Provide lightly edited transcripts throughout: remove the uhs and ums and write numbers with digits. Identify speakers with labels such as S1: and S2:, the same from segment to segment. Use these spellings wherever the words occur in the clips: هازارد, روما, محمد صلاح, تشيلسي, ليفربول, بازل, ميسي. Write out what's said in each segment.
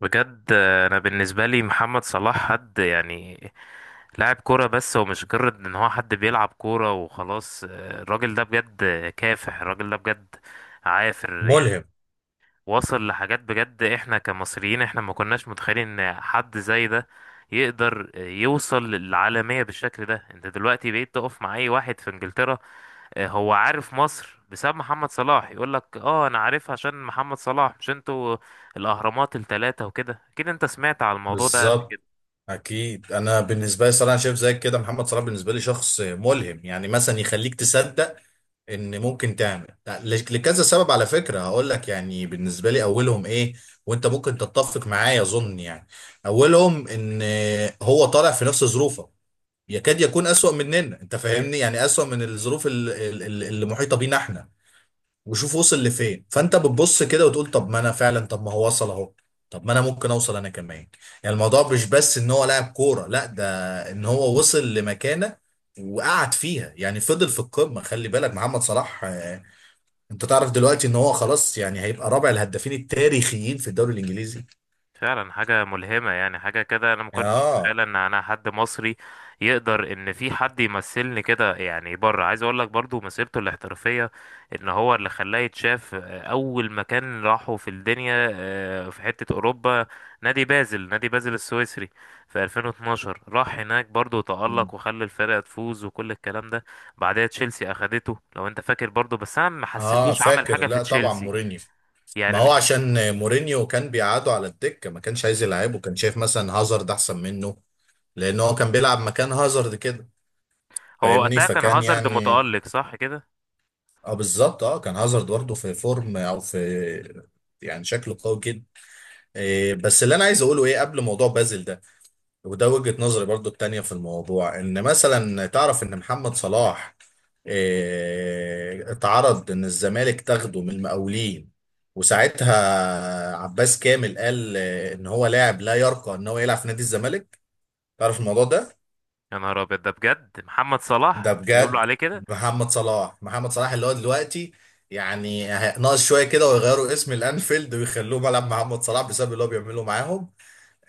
S1: بجد انا بالنسبه لي محمد صلاح حد لاعب كوره، بس هو مش مجرد ان هو حد بيلعب كوره وخلاص. الراجل ده بجد كافح، الراجل ده بجد عافر يعني.
S2: ملهم.
S1: وصل لحاجات بجد، احنا كمصريين احنا ما كناش متخيلين ان حد زي ده يقدر يوصل للعالمية بالشكل ده. انت دلوقتي بقيت تقف مع اي واحد في انجلترا، هو عارف مصر بسبب محمد صلاح. يقول لك اه انا عارفها عشان محمد صلاح، مش انتوا الاهرامات الثلاثة وكده. اكيد انت سمعت على الموضوع ده قبل.
S2: بالظبط. اكيد انا بالنسبه لي صراحه شايف زيك كده، محمد صلاح بالنسبه لي شخص ملهم. يعني مثلا يخليك تصدق ان ممكن تعمل لكذا سبب. على فكره هقول لك يعني بالنسبه لي اولهم ايه، وانت ممكن تتفق معايا اظن يعني. اولهم ان هو طالع في نفس ظروفه، يكاد يكون اسوأ مننا. انت فاهمني، يعني اسوأ من الظروف اللي محيطه بينا احنا. وشوف وصل لفين. فانت بتبص كده وتقول طب ما انا فعلا، طب ما هو وصل اهو، طب ما انا ممكن اوصل انا كمان. يعني الموضوع مش بس ان هو لاعب كوره، لا، ده ان هو وصل لمكانه وقعد فيها، يعني فضل في القمه. خلي بالك محمد صلاح، انت تعرف دلوقتي ان هو خلاص يعني هيبقى رابع الهدافين التاريخيين في الدوري الانجليزي.
S1: فعلا حاجة ملهمة، يعني حاجة كده أنا ما كنتش أتخيل
S2: اه،
S1: إن أنا حد مصري يقدر، إن في حد يمثلني كده يعني بره. عايز أقول لك برضو مسيرته الاحترافية إن هو اللي خلاه يتشاف. أول مكان راحه في الدنيا في حتة أوروبا، نادي بازل، نادي بازل السويسري في 2012. راح هناك برضو تألق وخلى الفرقة تفوز وكل الكلام ده. بعدها تشيلسي أخدته، لو أنت فاكر برضو، بس أنا ما
S2: اه،
S1: حسيتوش عمل
S2: فاكر.
S1: حاجة في
S2: لا طبعا
S1: تشيلسي
S2: مورينيو. ما
S1: يعني.
S2: هو
S1: مش
S2: عشان مورينيو كان بيقعده على الدكة، ما كانش عايز يلعبه، كان شايف مثلا هازارد احسن منه. لان هو كان بيلعب مكان هازارد كده،
S1: هو
S2: فاهمني،
S1: وقتها كان
S2: فكان
S1: هازارد
S2: يعني.
S1: متألق صح كده؟
S2: اه بالظبط، اه كان هازارد برضه في فورم او في، يعني شكله قوي جدا. إيه بس اللي انا عايز اقوله ايه قبل موضوع بازل ده، وده وجهة نظري برضو التانية في الموضوع، ان مثلا تعرف ان محمد صلاح اتعرض ان الزمالك تاخده من المقاولين، وساعتها عباس كامل قال ان هو لاعب لا يرقى ان هو يلعب في نادي الزمالك. تعرف الموضوع ده؟
S1: يا نهار ابيض، ده بجد محمد
S2: ده
S1: صلاح بيقولوا
S2: بجد.
S1: عليه كده؟
S2: محمد صلاح اللي هو دلوقتي يعني ناقص شوية كده ويغيروا اسم الانفيلد ويخلوه ملعب محمد صلاح، بسبب اللي هو بيعمله معاهم.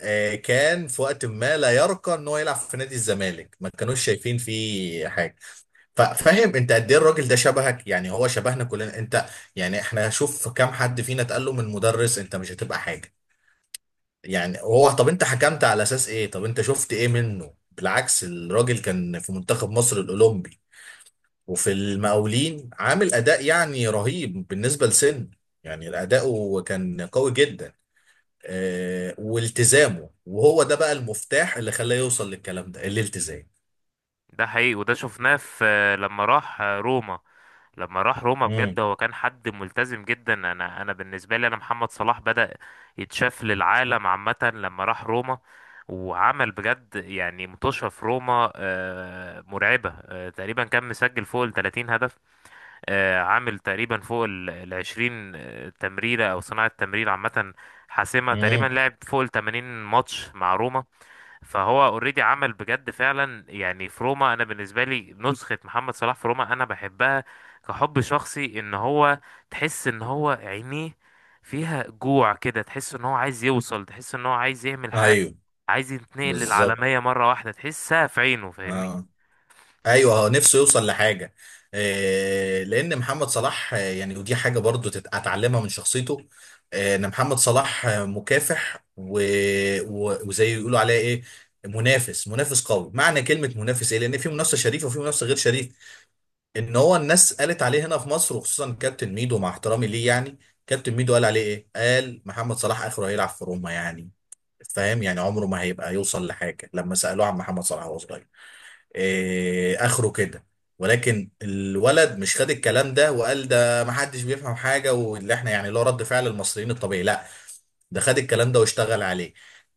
S2: كان في وقت ما لا يرقى ان هو يلعب في نادي الزمالك، ما كانوش شايفين فيه حاجه. فاهم انت قد ايه الراجل ده شبهك؟ يعني هو شبهنا كلنا. انت يعني احنا شوف كام حد فينا اتقال له من مدرس انت مش هتبقى حاجه. يعني هو، طب انت حكمت على اساس ايه، طب انت شفت ايه منه؟ بالعكس الراجل كان في منتخب مصر الاولمبي وفي المقاولين، عامل اداء يعني رهيب بالنسبه لسن. يعني اداؤه كان قوي جدا. والتزامه، وهو ده بقى المفتاح اللي خلاه يوصل للكلام ده، الالتزام.
S1: ده حقيقي، وده شفناه في لما راح روما. لما راح روما
S2: امم.
S1: بجد هو كان حد ملتزم جدا. انا بالنسبه لي، انا محمد صلاح بدأ يتشاف للعالم عامه لما راح روما، وعمل بجد يعني متوشة في روما مرعبة. تقريبا كان مسجل فوق ال 30 هدف، عامل تقريبا فوق ال 20 تمريرة أو صناعة تمرير عامة حاسمة، تقريبا
S2: امم.
S1: لعب فوق ال 80 ماتش مع روما. فهو اوريدي عمل بجد فعلا يعني في روما. انا بالنسبه لي نسخه محمد صلاح في روما انا بحبها كحب شخصي. ان هو تحس ان هو عينيه فيها جوع كده، تحس ان هو عايز يوصل، تحس ان هو عايز يعمل حاجه،
S2: ايوه.
S1: عايز يتنقل
S2: بالظبط.
S1: للعالميه مره واحده، تحسها في عينه فاهمني.
S2: اه، ايوه هو نفسه يوصل لحاجه. آه، لان محمد صلاح يعني ودي حاجه برضو اتعلمها من شخصيته. آه، ان محمد صلاح مكافح، وزي يقولوا عليه ايه، منافس. منافس قوي. معنى كلمه منافس ايه؟ لان في منافسه شريفه وفي منافسه غير شريفه. ان هو الناس قالت عليه هنا في مصر، وخصوصا كابتن ميدو، مع احترامي ليه يعني. كابتن ميدو قال عليه ايه؟ قال محمد صلاح اخره هيلعب في روما يعني، فاهم يعني عمره ما هيبقى يوصل لحاجه، لما سالوه عن محمد صلاح وهو صغير. إيه اخره كده. ولكن الولد مش خد الكلام ده وقال ده محدش بيفهم حاجه، واللي احنا يعني اللي هو رد فعل المصريين الطبيعي، لا، ده خد الكلام ده واشتغل عليه.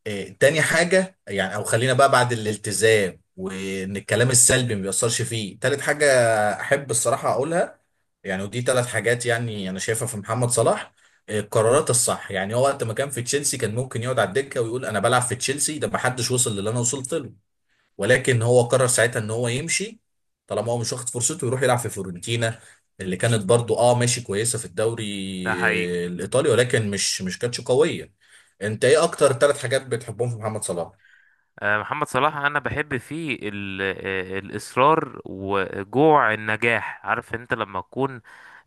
S2: إيه تاني حاجه، يعني او خلينا بقى بعد الالتزام وان الكلام السلبي ما بيأثرش فيه، تالت حاجه احب الصراحه اقولها، يعني ودي ثلاث حاجات يعني انا شايفها في محمد صلاح. إيه، القرارات الصح. يعني هو وقت ما كان في تشيلسي كان ممكن يقعد على الدكه ويقول انا بلعب في تشيلسي، ده ما حدش وصل للي انا وصلت له. ولكن هو قرر ساعتها ان هو يمشي، طالما هو مش واخد فرصته، يروح يلعب في فيورنتينا اللي كانت برضو اه ماشي كويسه في الدوري
S1: ده حقيقي.
S2: الايطالي، ولكن مش كانتش قويه. انت ايه اكتر ثلاث حاجات بتحبهم في محمد صلاح؟
S1: محمد صلاح انا بحب فيه الاصرار وجوع النجاح. عارف انت لما تكون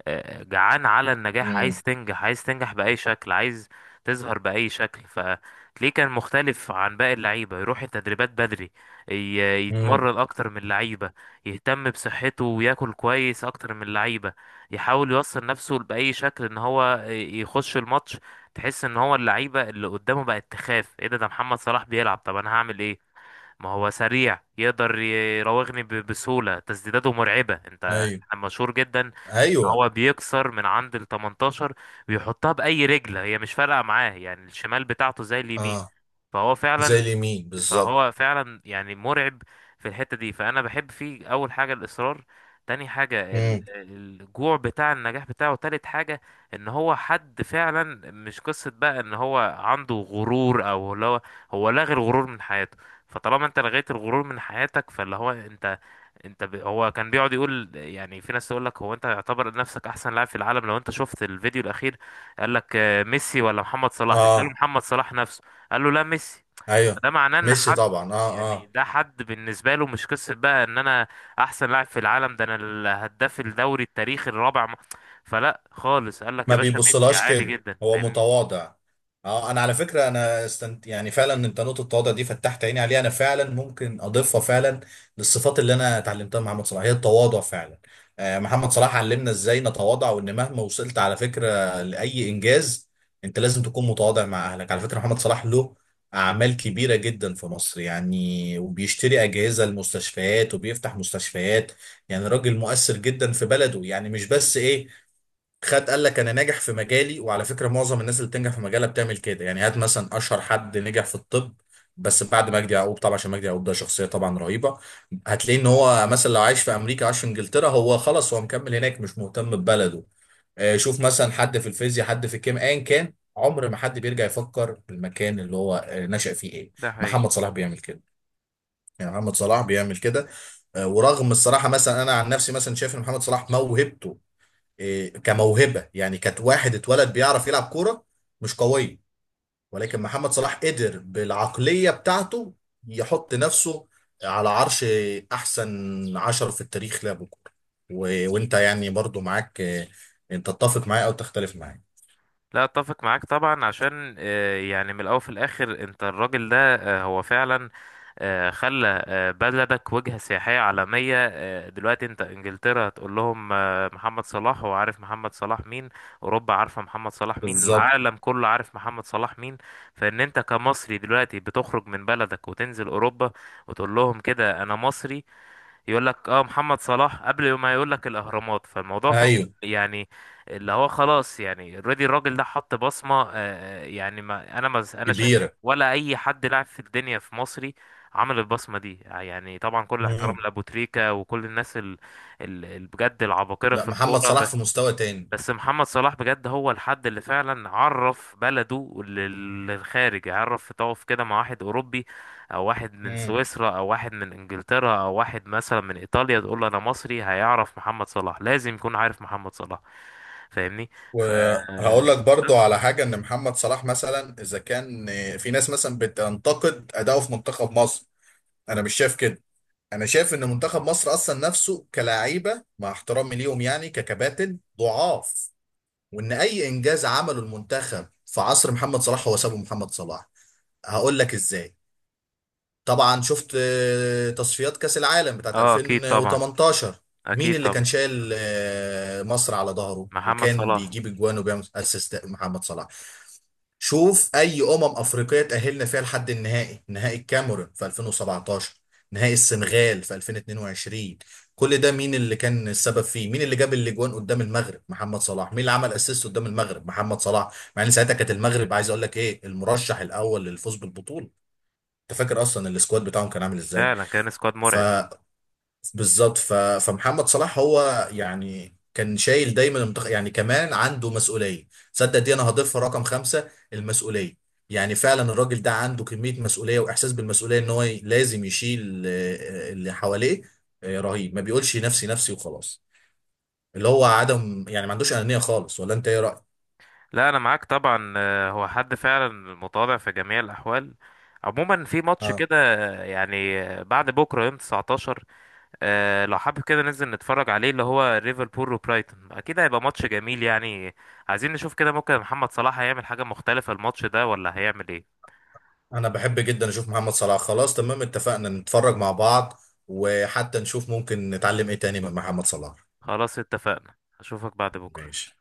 S1: جعان على النجاح،
S2: امم.
S1: عايز تنجح، عايز تنجح بأي شكل، عايز تظهر بأي شكل؟ فتلاقيه كان مختلف عن باقي اللعيبة، يروح التدريبات بدري،
S2: امم.
S1: يتمرن أكتر من اللعيبة، يهتم بصحته وياكل كويس أكتر من اللعيبة، يحاول يوصل نفسه بأي شكل إن هو يخش الماتش. تحس إن هو اللعيبة اللي قدامه بقت تخاف، إيه ده؟ ده محمد صلاح بيلعب، طب أنا هعمل إيه؟ ما هو سريع يقدر يراوغني بسهولة، تسديداته مرعبة، انت
S2: ايوه.
S1: مشهور جدا بان
S2: ايوه.
S1: هو بيكسر من عند ال 18 بيحطها بأي رجل، هي مش فارقة معاه يعني، الشمال بتاعته زي اليمين.
S2: اه.
S1: فهو
S2: زي
S1: فعلا
S2: اليمين بالظبط.
S1: فهو فعلا يعني مرعب في الحتة دي. فأنا بحب فيه أول حاجة الإصرار، تاني حاجة
S2: امم.
S1: الجوع بتاع النجاح بتاعه، تالت حاجة إن هو حد فعلا مش قصة بقى إن هو عنده غرور أو اللي هو، هو لغى الغرور من حياته. فطالما أنت لغيت الغرور من حياتك، فاللي هو أنت، هو كان بيقعد يقول يعني، في ناس تقول لك هو أنت يعتبر نفسك أحسن لاعب في العالم؟ لو أنت شفت الفيديو الأخير، قال لك ميسي ولا محمد صلاح؟ بيسأله
S2: اه.
S1: محمد صلاح نفسه، قال له لا، ميسي.
S2: ايوه.
S1: ده معناه ان
S2: ميسي
S1: حد
S2: طبعا، اه،
S1: يعني،
S2: اه.
S1: ده حد بالنسبه له مش قصه بقى ان انا احسن لاعب في العالم، ده انا الهداف الدوري التاريخي الرابع فلا خالص، قال لك يا
S2: ما
S1: باشا ميسي
S2: بيبصلهاش
S1: عادي
S2: كده،
S1: جدا،
S2: هو
S1: فاهمني.
S2: متواضع. اه، انا على فكره انا استنت، يعني فعلا انت نقطه التواضع دي فتحت عيني عليها، انا فعلا ممكن اضيفها فعلا للصفات اللي انا اتعلمتها مع محمد صلاح، هي التواضع فعلا. محمد صلاح علمنا ازاي نتواضع، وان مهما وصلت على فكره لاي انجاز انت لازم تكون متواضع مع اهلك. على فكره محمد صلاح له اعمال كبيره جدا في مصر يعني، وبيشتري اجهزه المستشفيات وبيفتح مستشفيات، يعني راجل مؤثر جدا في بلده. يعني مش بس ايه، خد قال لك انا ناجح في مجالي، وعلى فكره معظم الناس اللي بتنجح في مجالها بتعمل كده. يعني هات مثلا اشهر حد نجح في الطب بس بعد مجدي يعقوب طبعا، عشان مجدي يعقوب ده شخصيه طبعا رهيبه، هتلاقي ان هو مثلا لو عايش في امريكا، عايش في انجلترا، هو خلاص هو مكمل هناك، مش مهتم ببلده. شوف مثلا حد في الفيزياء، حد في الكيمياء، ايا كان، عمر ما حد بيرجع يفكر في المكان اللي هو نشأ فيه ايه.
S1: ده حقيقي.
S2: محمد صلاح بيعمل كده، يعني محمد صلاح بيعمل كده. ورغم الصراحه مثلا انا عن نفسي مثلا شايف ان محمد صلاح موهبته، إيه، كموهبه يعني، كانت واحد اتولد بيعرف يلعب كوره، مش قويه. ولكن محمد صلاح قدر بالعقليه بتاعته يحط نفسه على عرش احسن عشر في التاريخ لعبوا كوره. وانت يعني برضو معاك إيه، انت تتفق معايا او تختلف معايا؟
S1: لا، اتفق معاك طبعا عشان يعني من الاول في الاخر انت الراجل ده هو فعلا خلى بلدك وجهة سياحية عالمية. دلوقتي انت انجلترا هتقول لهم محمد صلاح، هو عارف محمد صلاح مين، اوروبا عارفة محمد صلاح مين،
S2: بالظبط.
S1: العالم كله عارف محمد صلاح مين. فان انت كمصري دلوقتي بتخرج من بلدك وتنزل اوروبا وتقول لهم كده انا مصري، يقول لك اه محمد صلاح قبل ما يقول لك الاهرامات. فالموضوع فعلا
S2: ايوه.
S1: يعني اللي هو خلاص يعني اوريدي، الراجل ده حط بصمه. يعني ما انا شايف
S2: كبيره.
S1: ولا اي حد لاعب في الدنيا في مصري عمل البصمه دي. يعني طبعا كل الاحترام
S2: مم.
S1: لابو تريكا وكل الناس بجد العباقره
S2: لا،
S1: في
S2: محمد
S1: الكوره،
S2: صلاح في
S1: بس
S2: مستوى تاني.
S1: بس محمد صلاح بجد هو الحد اللي فعلا عرف بلده للخارج. عرف يقف كده مع واحد أوروبي أو واحد من
S2: مم.
S1: سويسرا أو واحد من إنجلترا أو واحد مثلا من إيطاليا، تقول له أنا مصري هيعرف محمد صلاح، لازم يكون عارف محمد صلاح فاهمني. ف
S2: وهقول لك برضو
S1: بس
S2: على حاجة، ان محمد صلاح مثلا اذا كان في ناس مثلا بتنتقد اداؤه في منتخب مصر، انا مش شايف كده. انا شايف ان منتخب مصر اصلا نفسه كلاعيبه، مع احترامي ليهم يعني، ككباتن ضعاف، وان اي انجاز عمله المنتخب في عصر محمد صلاح هو سابه محمد صلاح. هقول لك ازاي. طبعا شفت تصفيات كاس العالم بتاعت
S1: اه أكيد طبعا،
S2: 2018. مين
S1: أكيد
S2: اللي كان
S1: طبعا
S2: شايل مصر على ظهره
S1: محمد
S2: وكان
S1: صلاح.
S2: بيجيب اجوان وبيعمل اسيست؟ محمد صلاح. شوف اي افريقيه تاهلنا فيها لحد النهائي، نهائي الكاميرون في 2017، نهائي السنغال في 2022، كل ده مين اللي كان السبب فيه؟ مين اللي جاب الاجوان قدام المغرب؟ محمد صلاح. مين اللي عمل اسيست قدام المغرب؟ محمد صلاح. مع ان ساعتها كانت المغرب، عايز اقول لك ايه، المرشح الاول للفوز بالبطوله. انت فاكر اصلا السكواد بتاعهم كان عامل ازاي؟
S1: فعلا كان سكواد
S2: ف
S1: مرعب.
S2: بالظبط. فمحمد صلاح هو يعني كان شايل دايما المنتخب. يعني كمان عنده مسؤوليه، صدق دي انا هضيفها رقم خمسه، المسؤوليه. يعني فعلا الراجل ده عنده كميه مسؤوليه واحساس بالمسؤوليه ان هو لازم يشيل اللي حواليه. رهيب. ما بيقولش نفسي نفسي وخلاص، اللي هو عدم يعني ما عندوش انانيه خالص. ولا انت ايه رايك؟
S1: لا، انا معاك طبعا، هو حد فعلا متواضع في جميع الاحوال. عموما في ماتش
S2: اه،
S1: كده، بعد بكره يوم 19، لو حابب كده ننزل نتفرج عليه اللي هو ليفربول وبرايتون، اكيد هيبقى ماتش جميل يعني. عايزين نشوف كده، ممكن محمد صلاح هيعمل حاجه مختلفه الماتش ده ولا هيعمل ايه؟
S2: انا بحب جدا اشوف محمد صلاح. خلاص تمام، اتفقنا نتفرج مع بعض، وحتى نشوف ممكن نتعلم ايه تاني من محمد صلاح.
S1: خلاص اتفقنا، اشوفك بعد بكره.
S2: ماشي.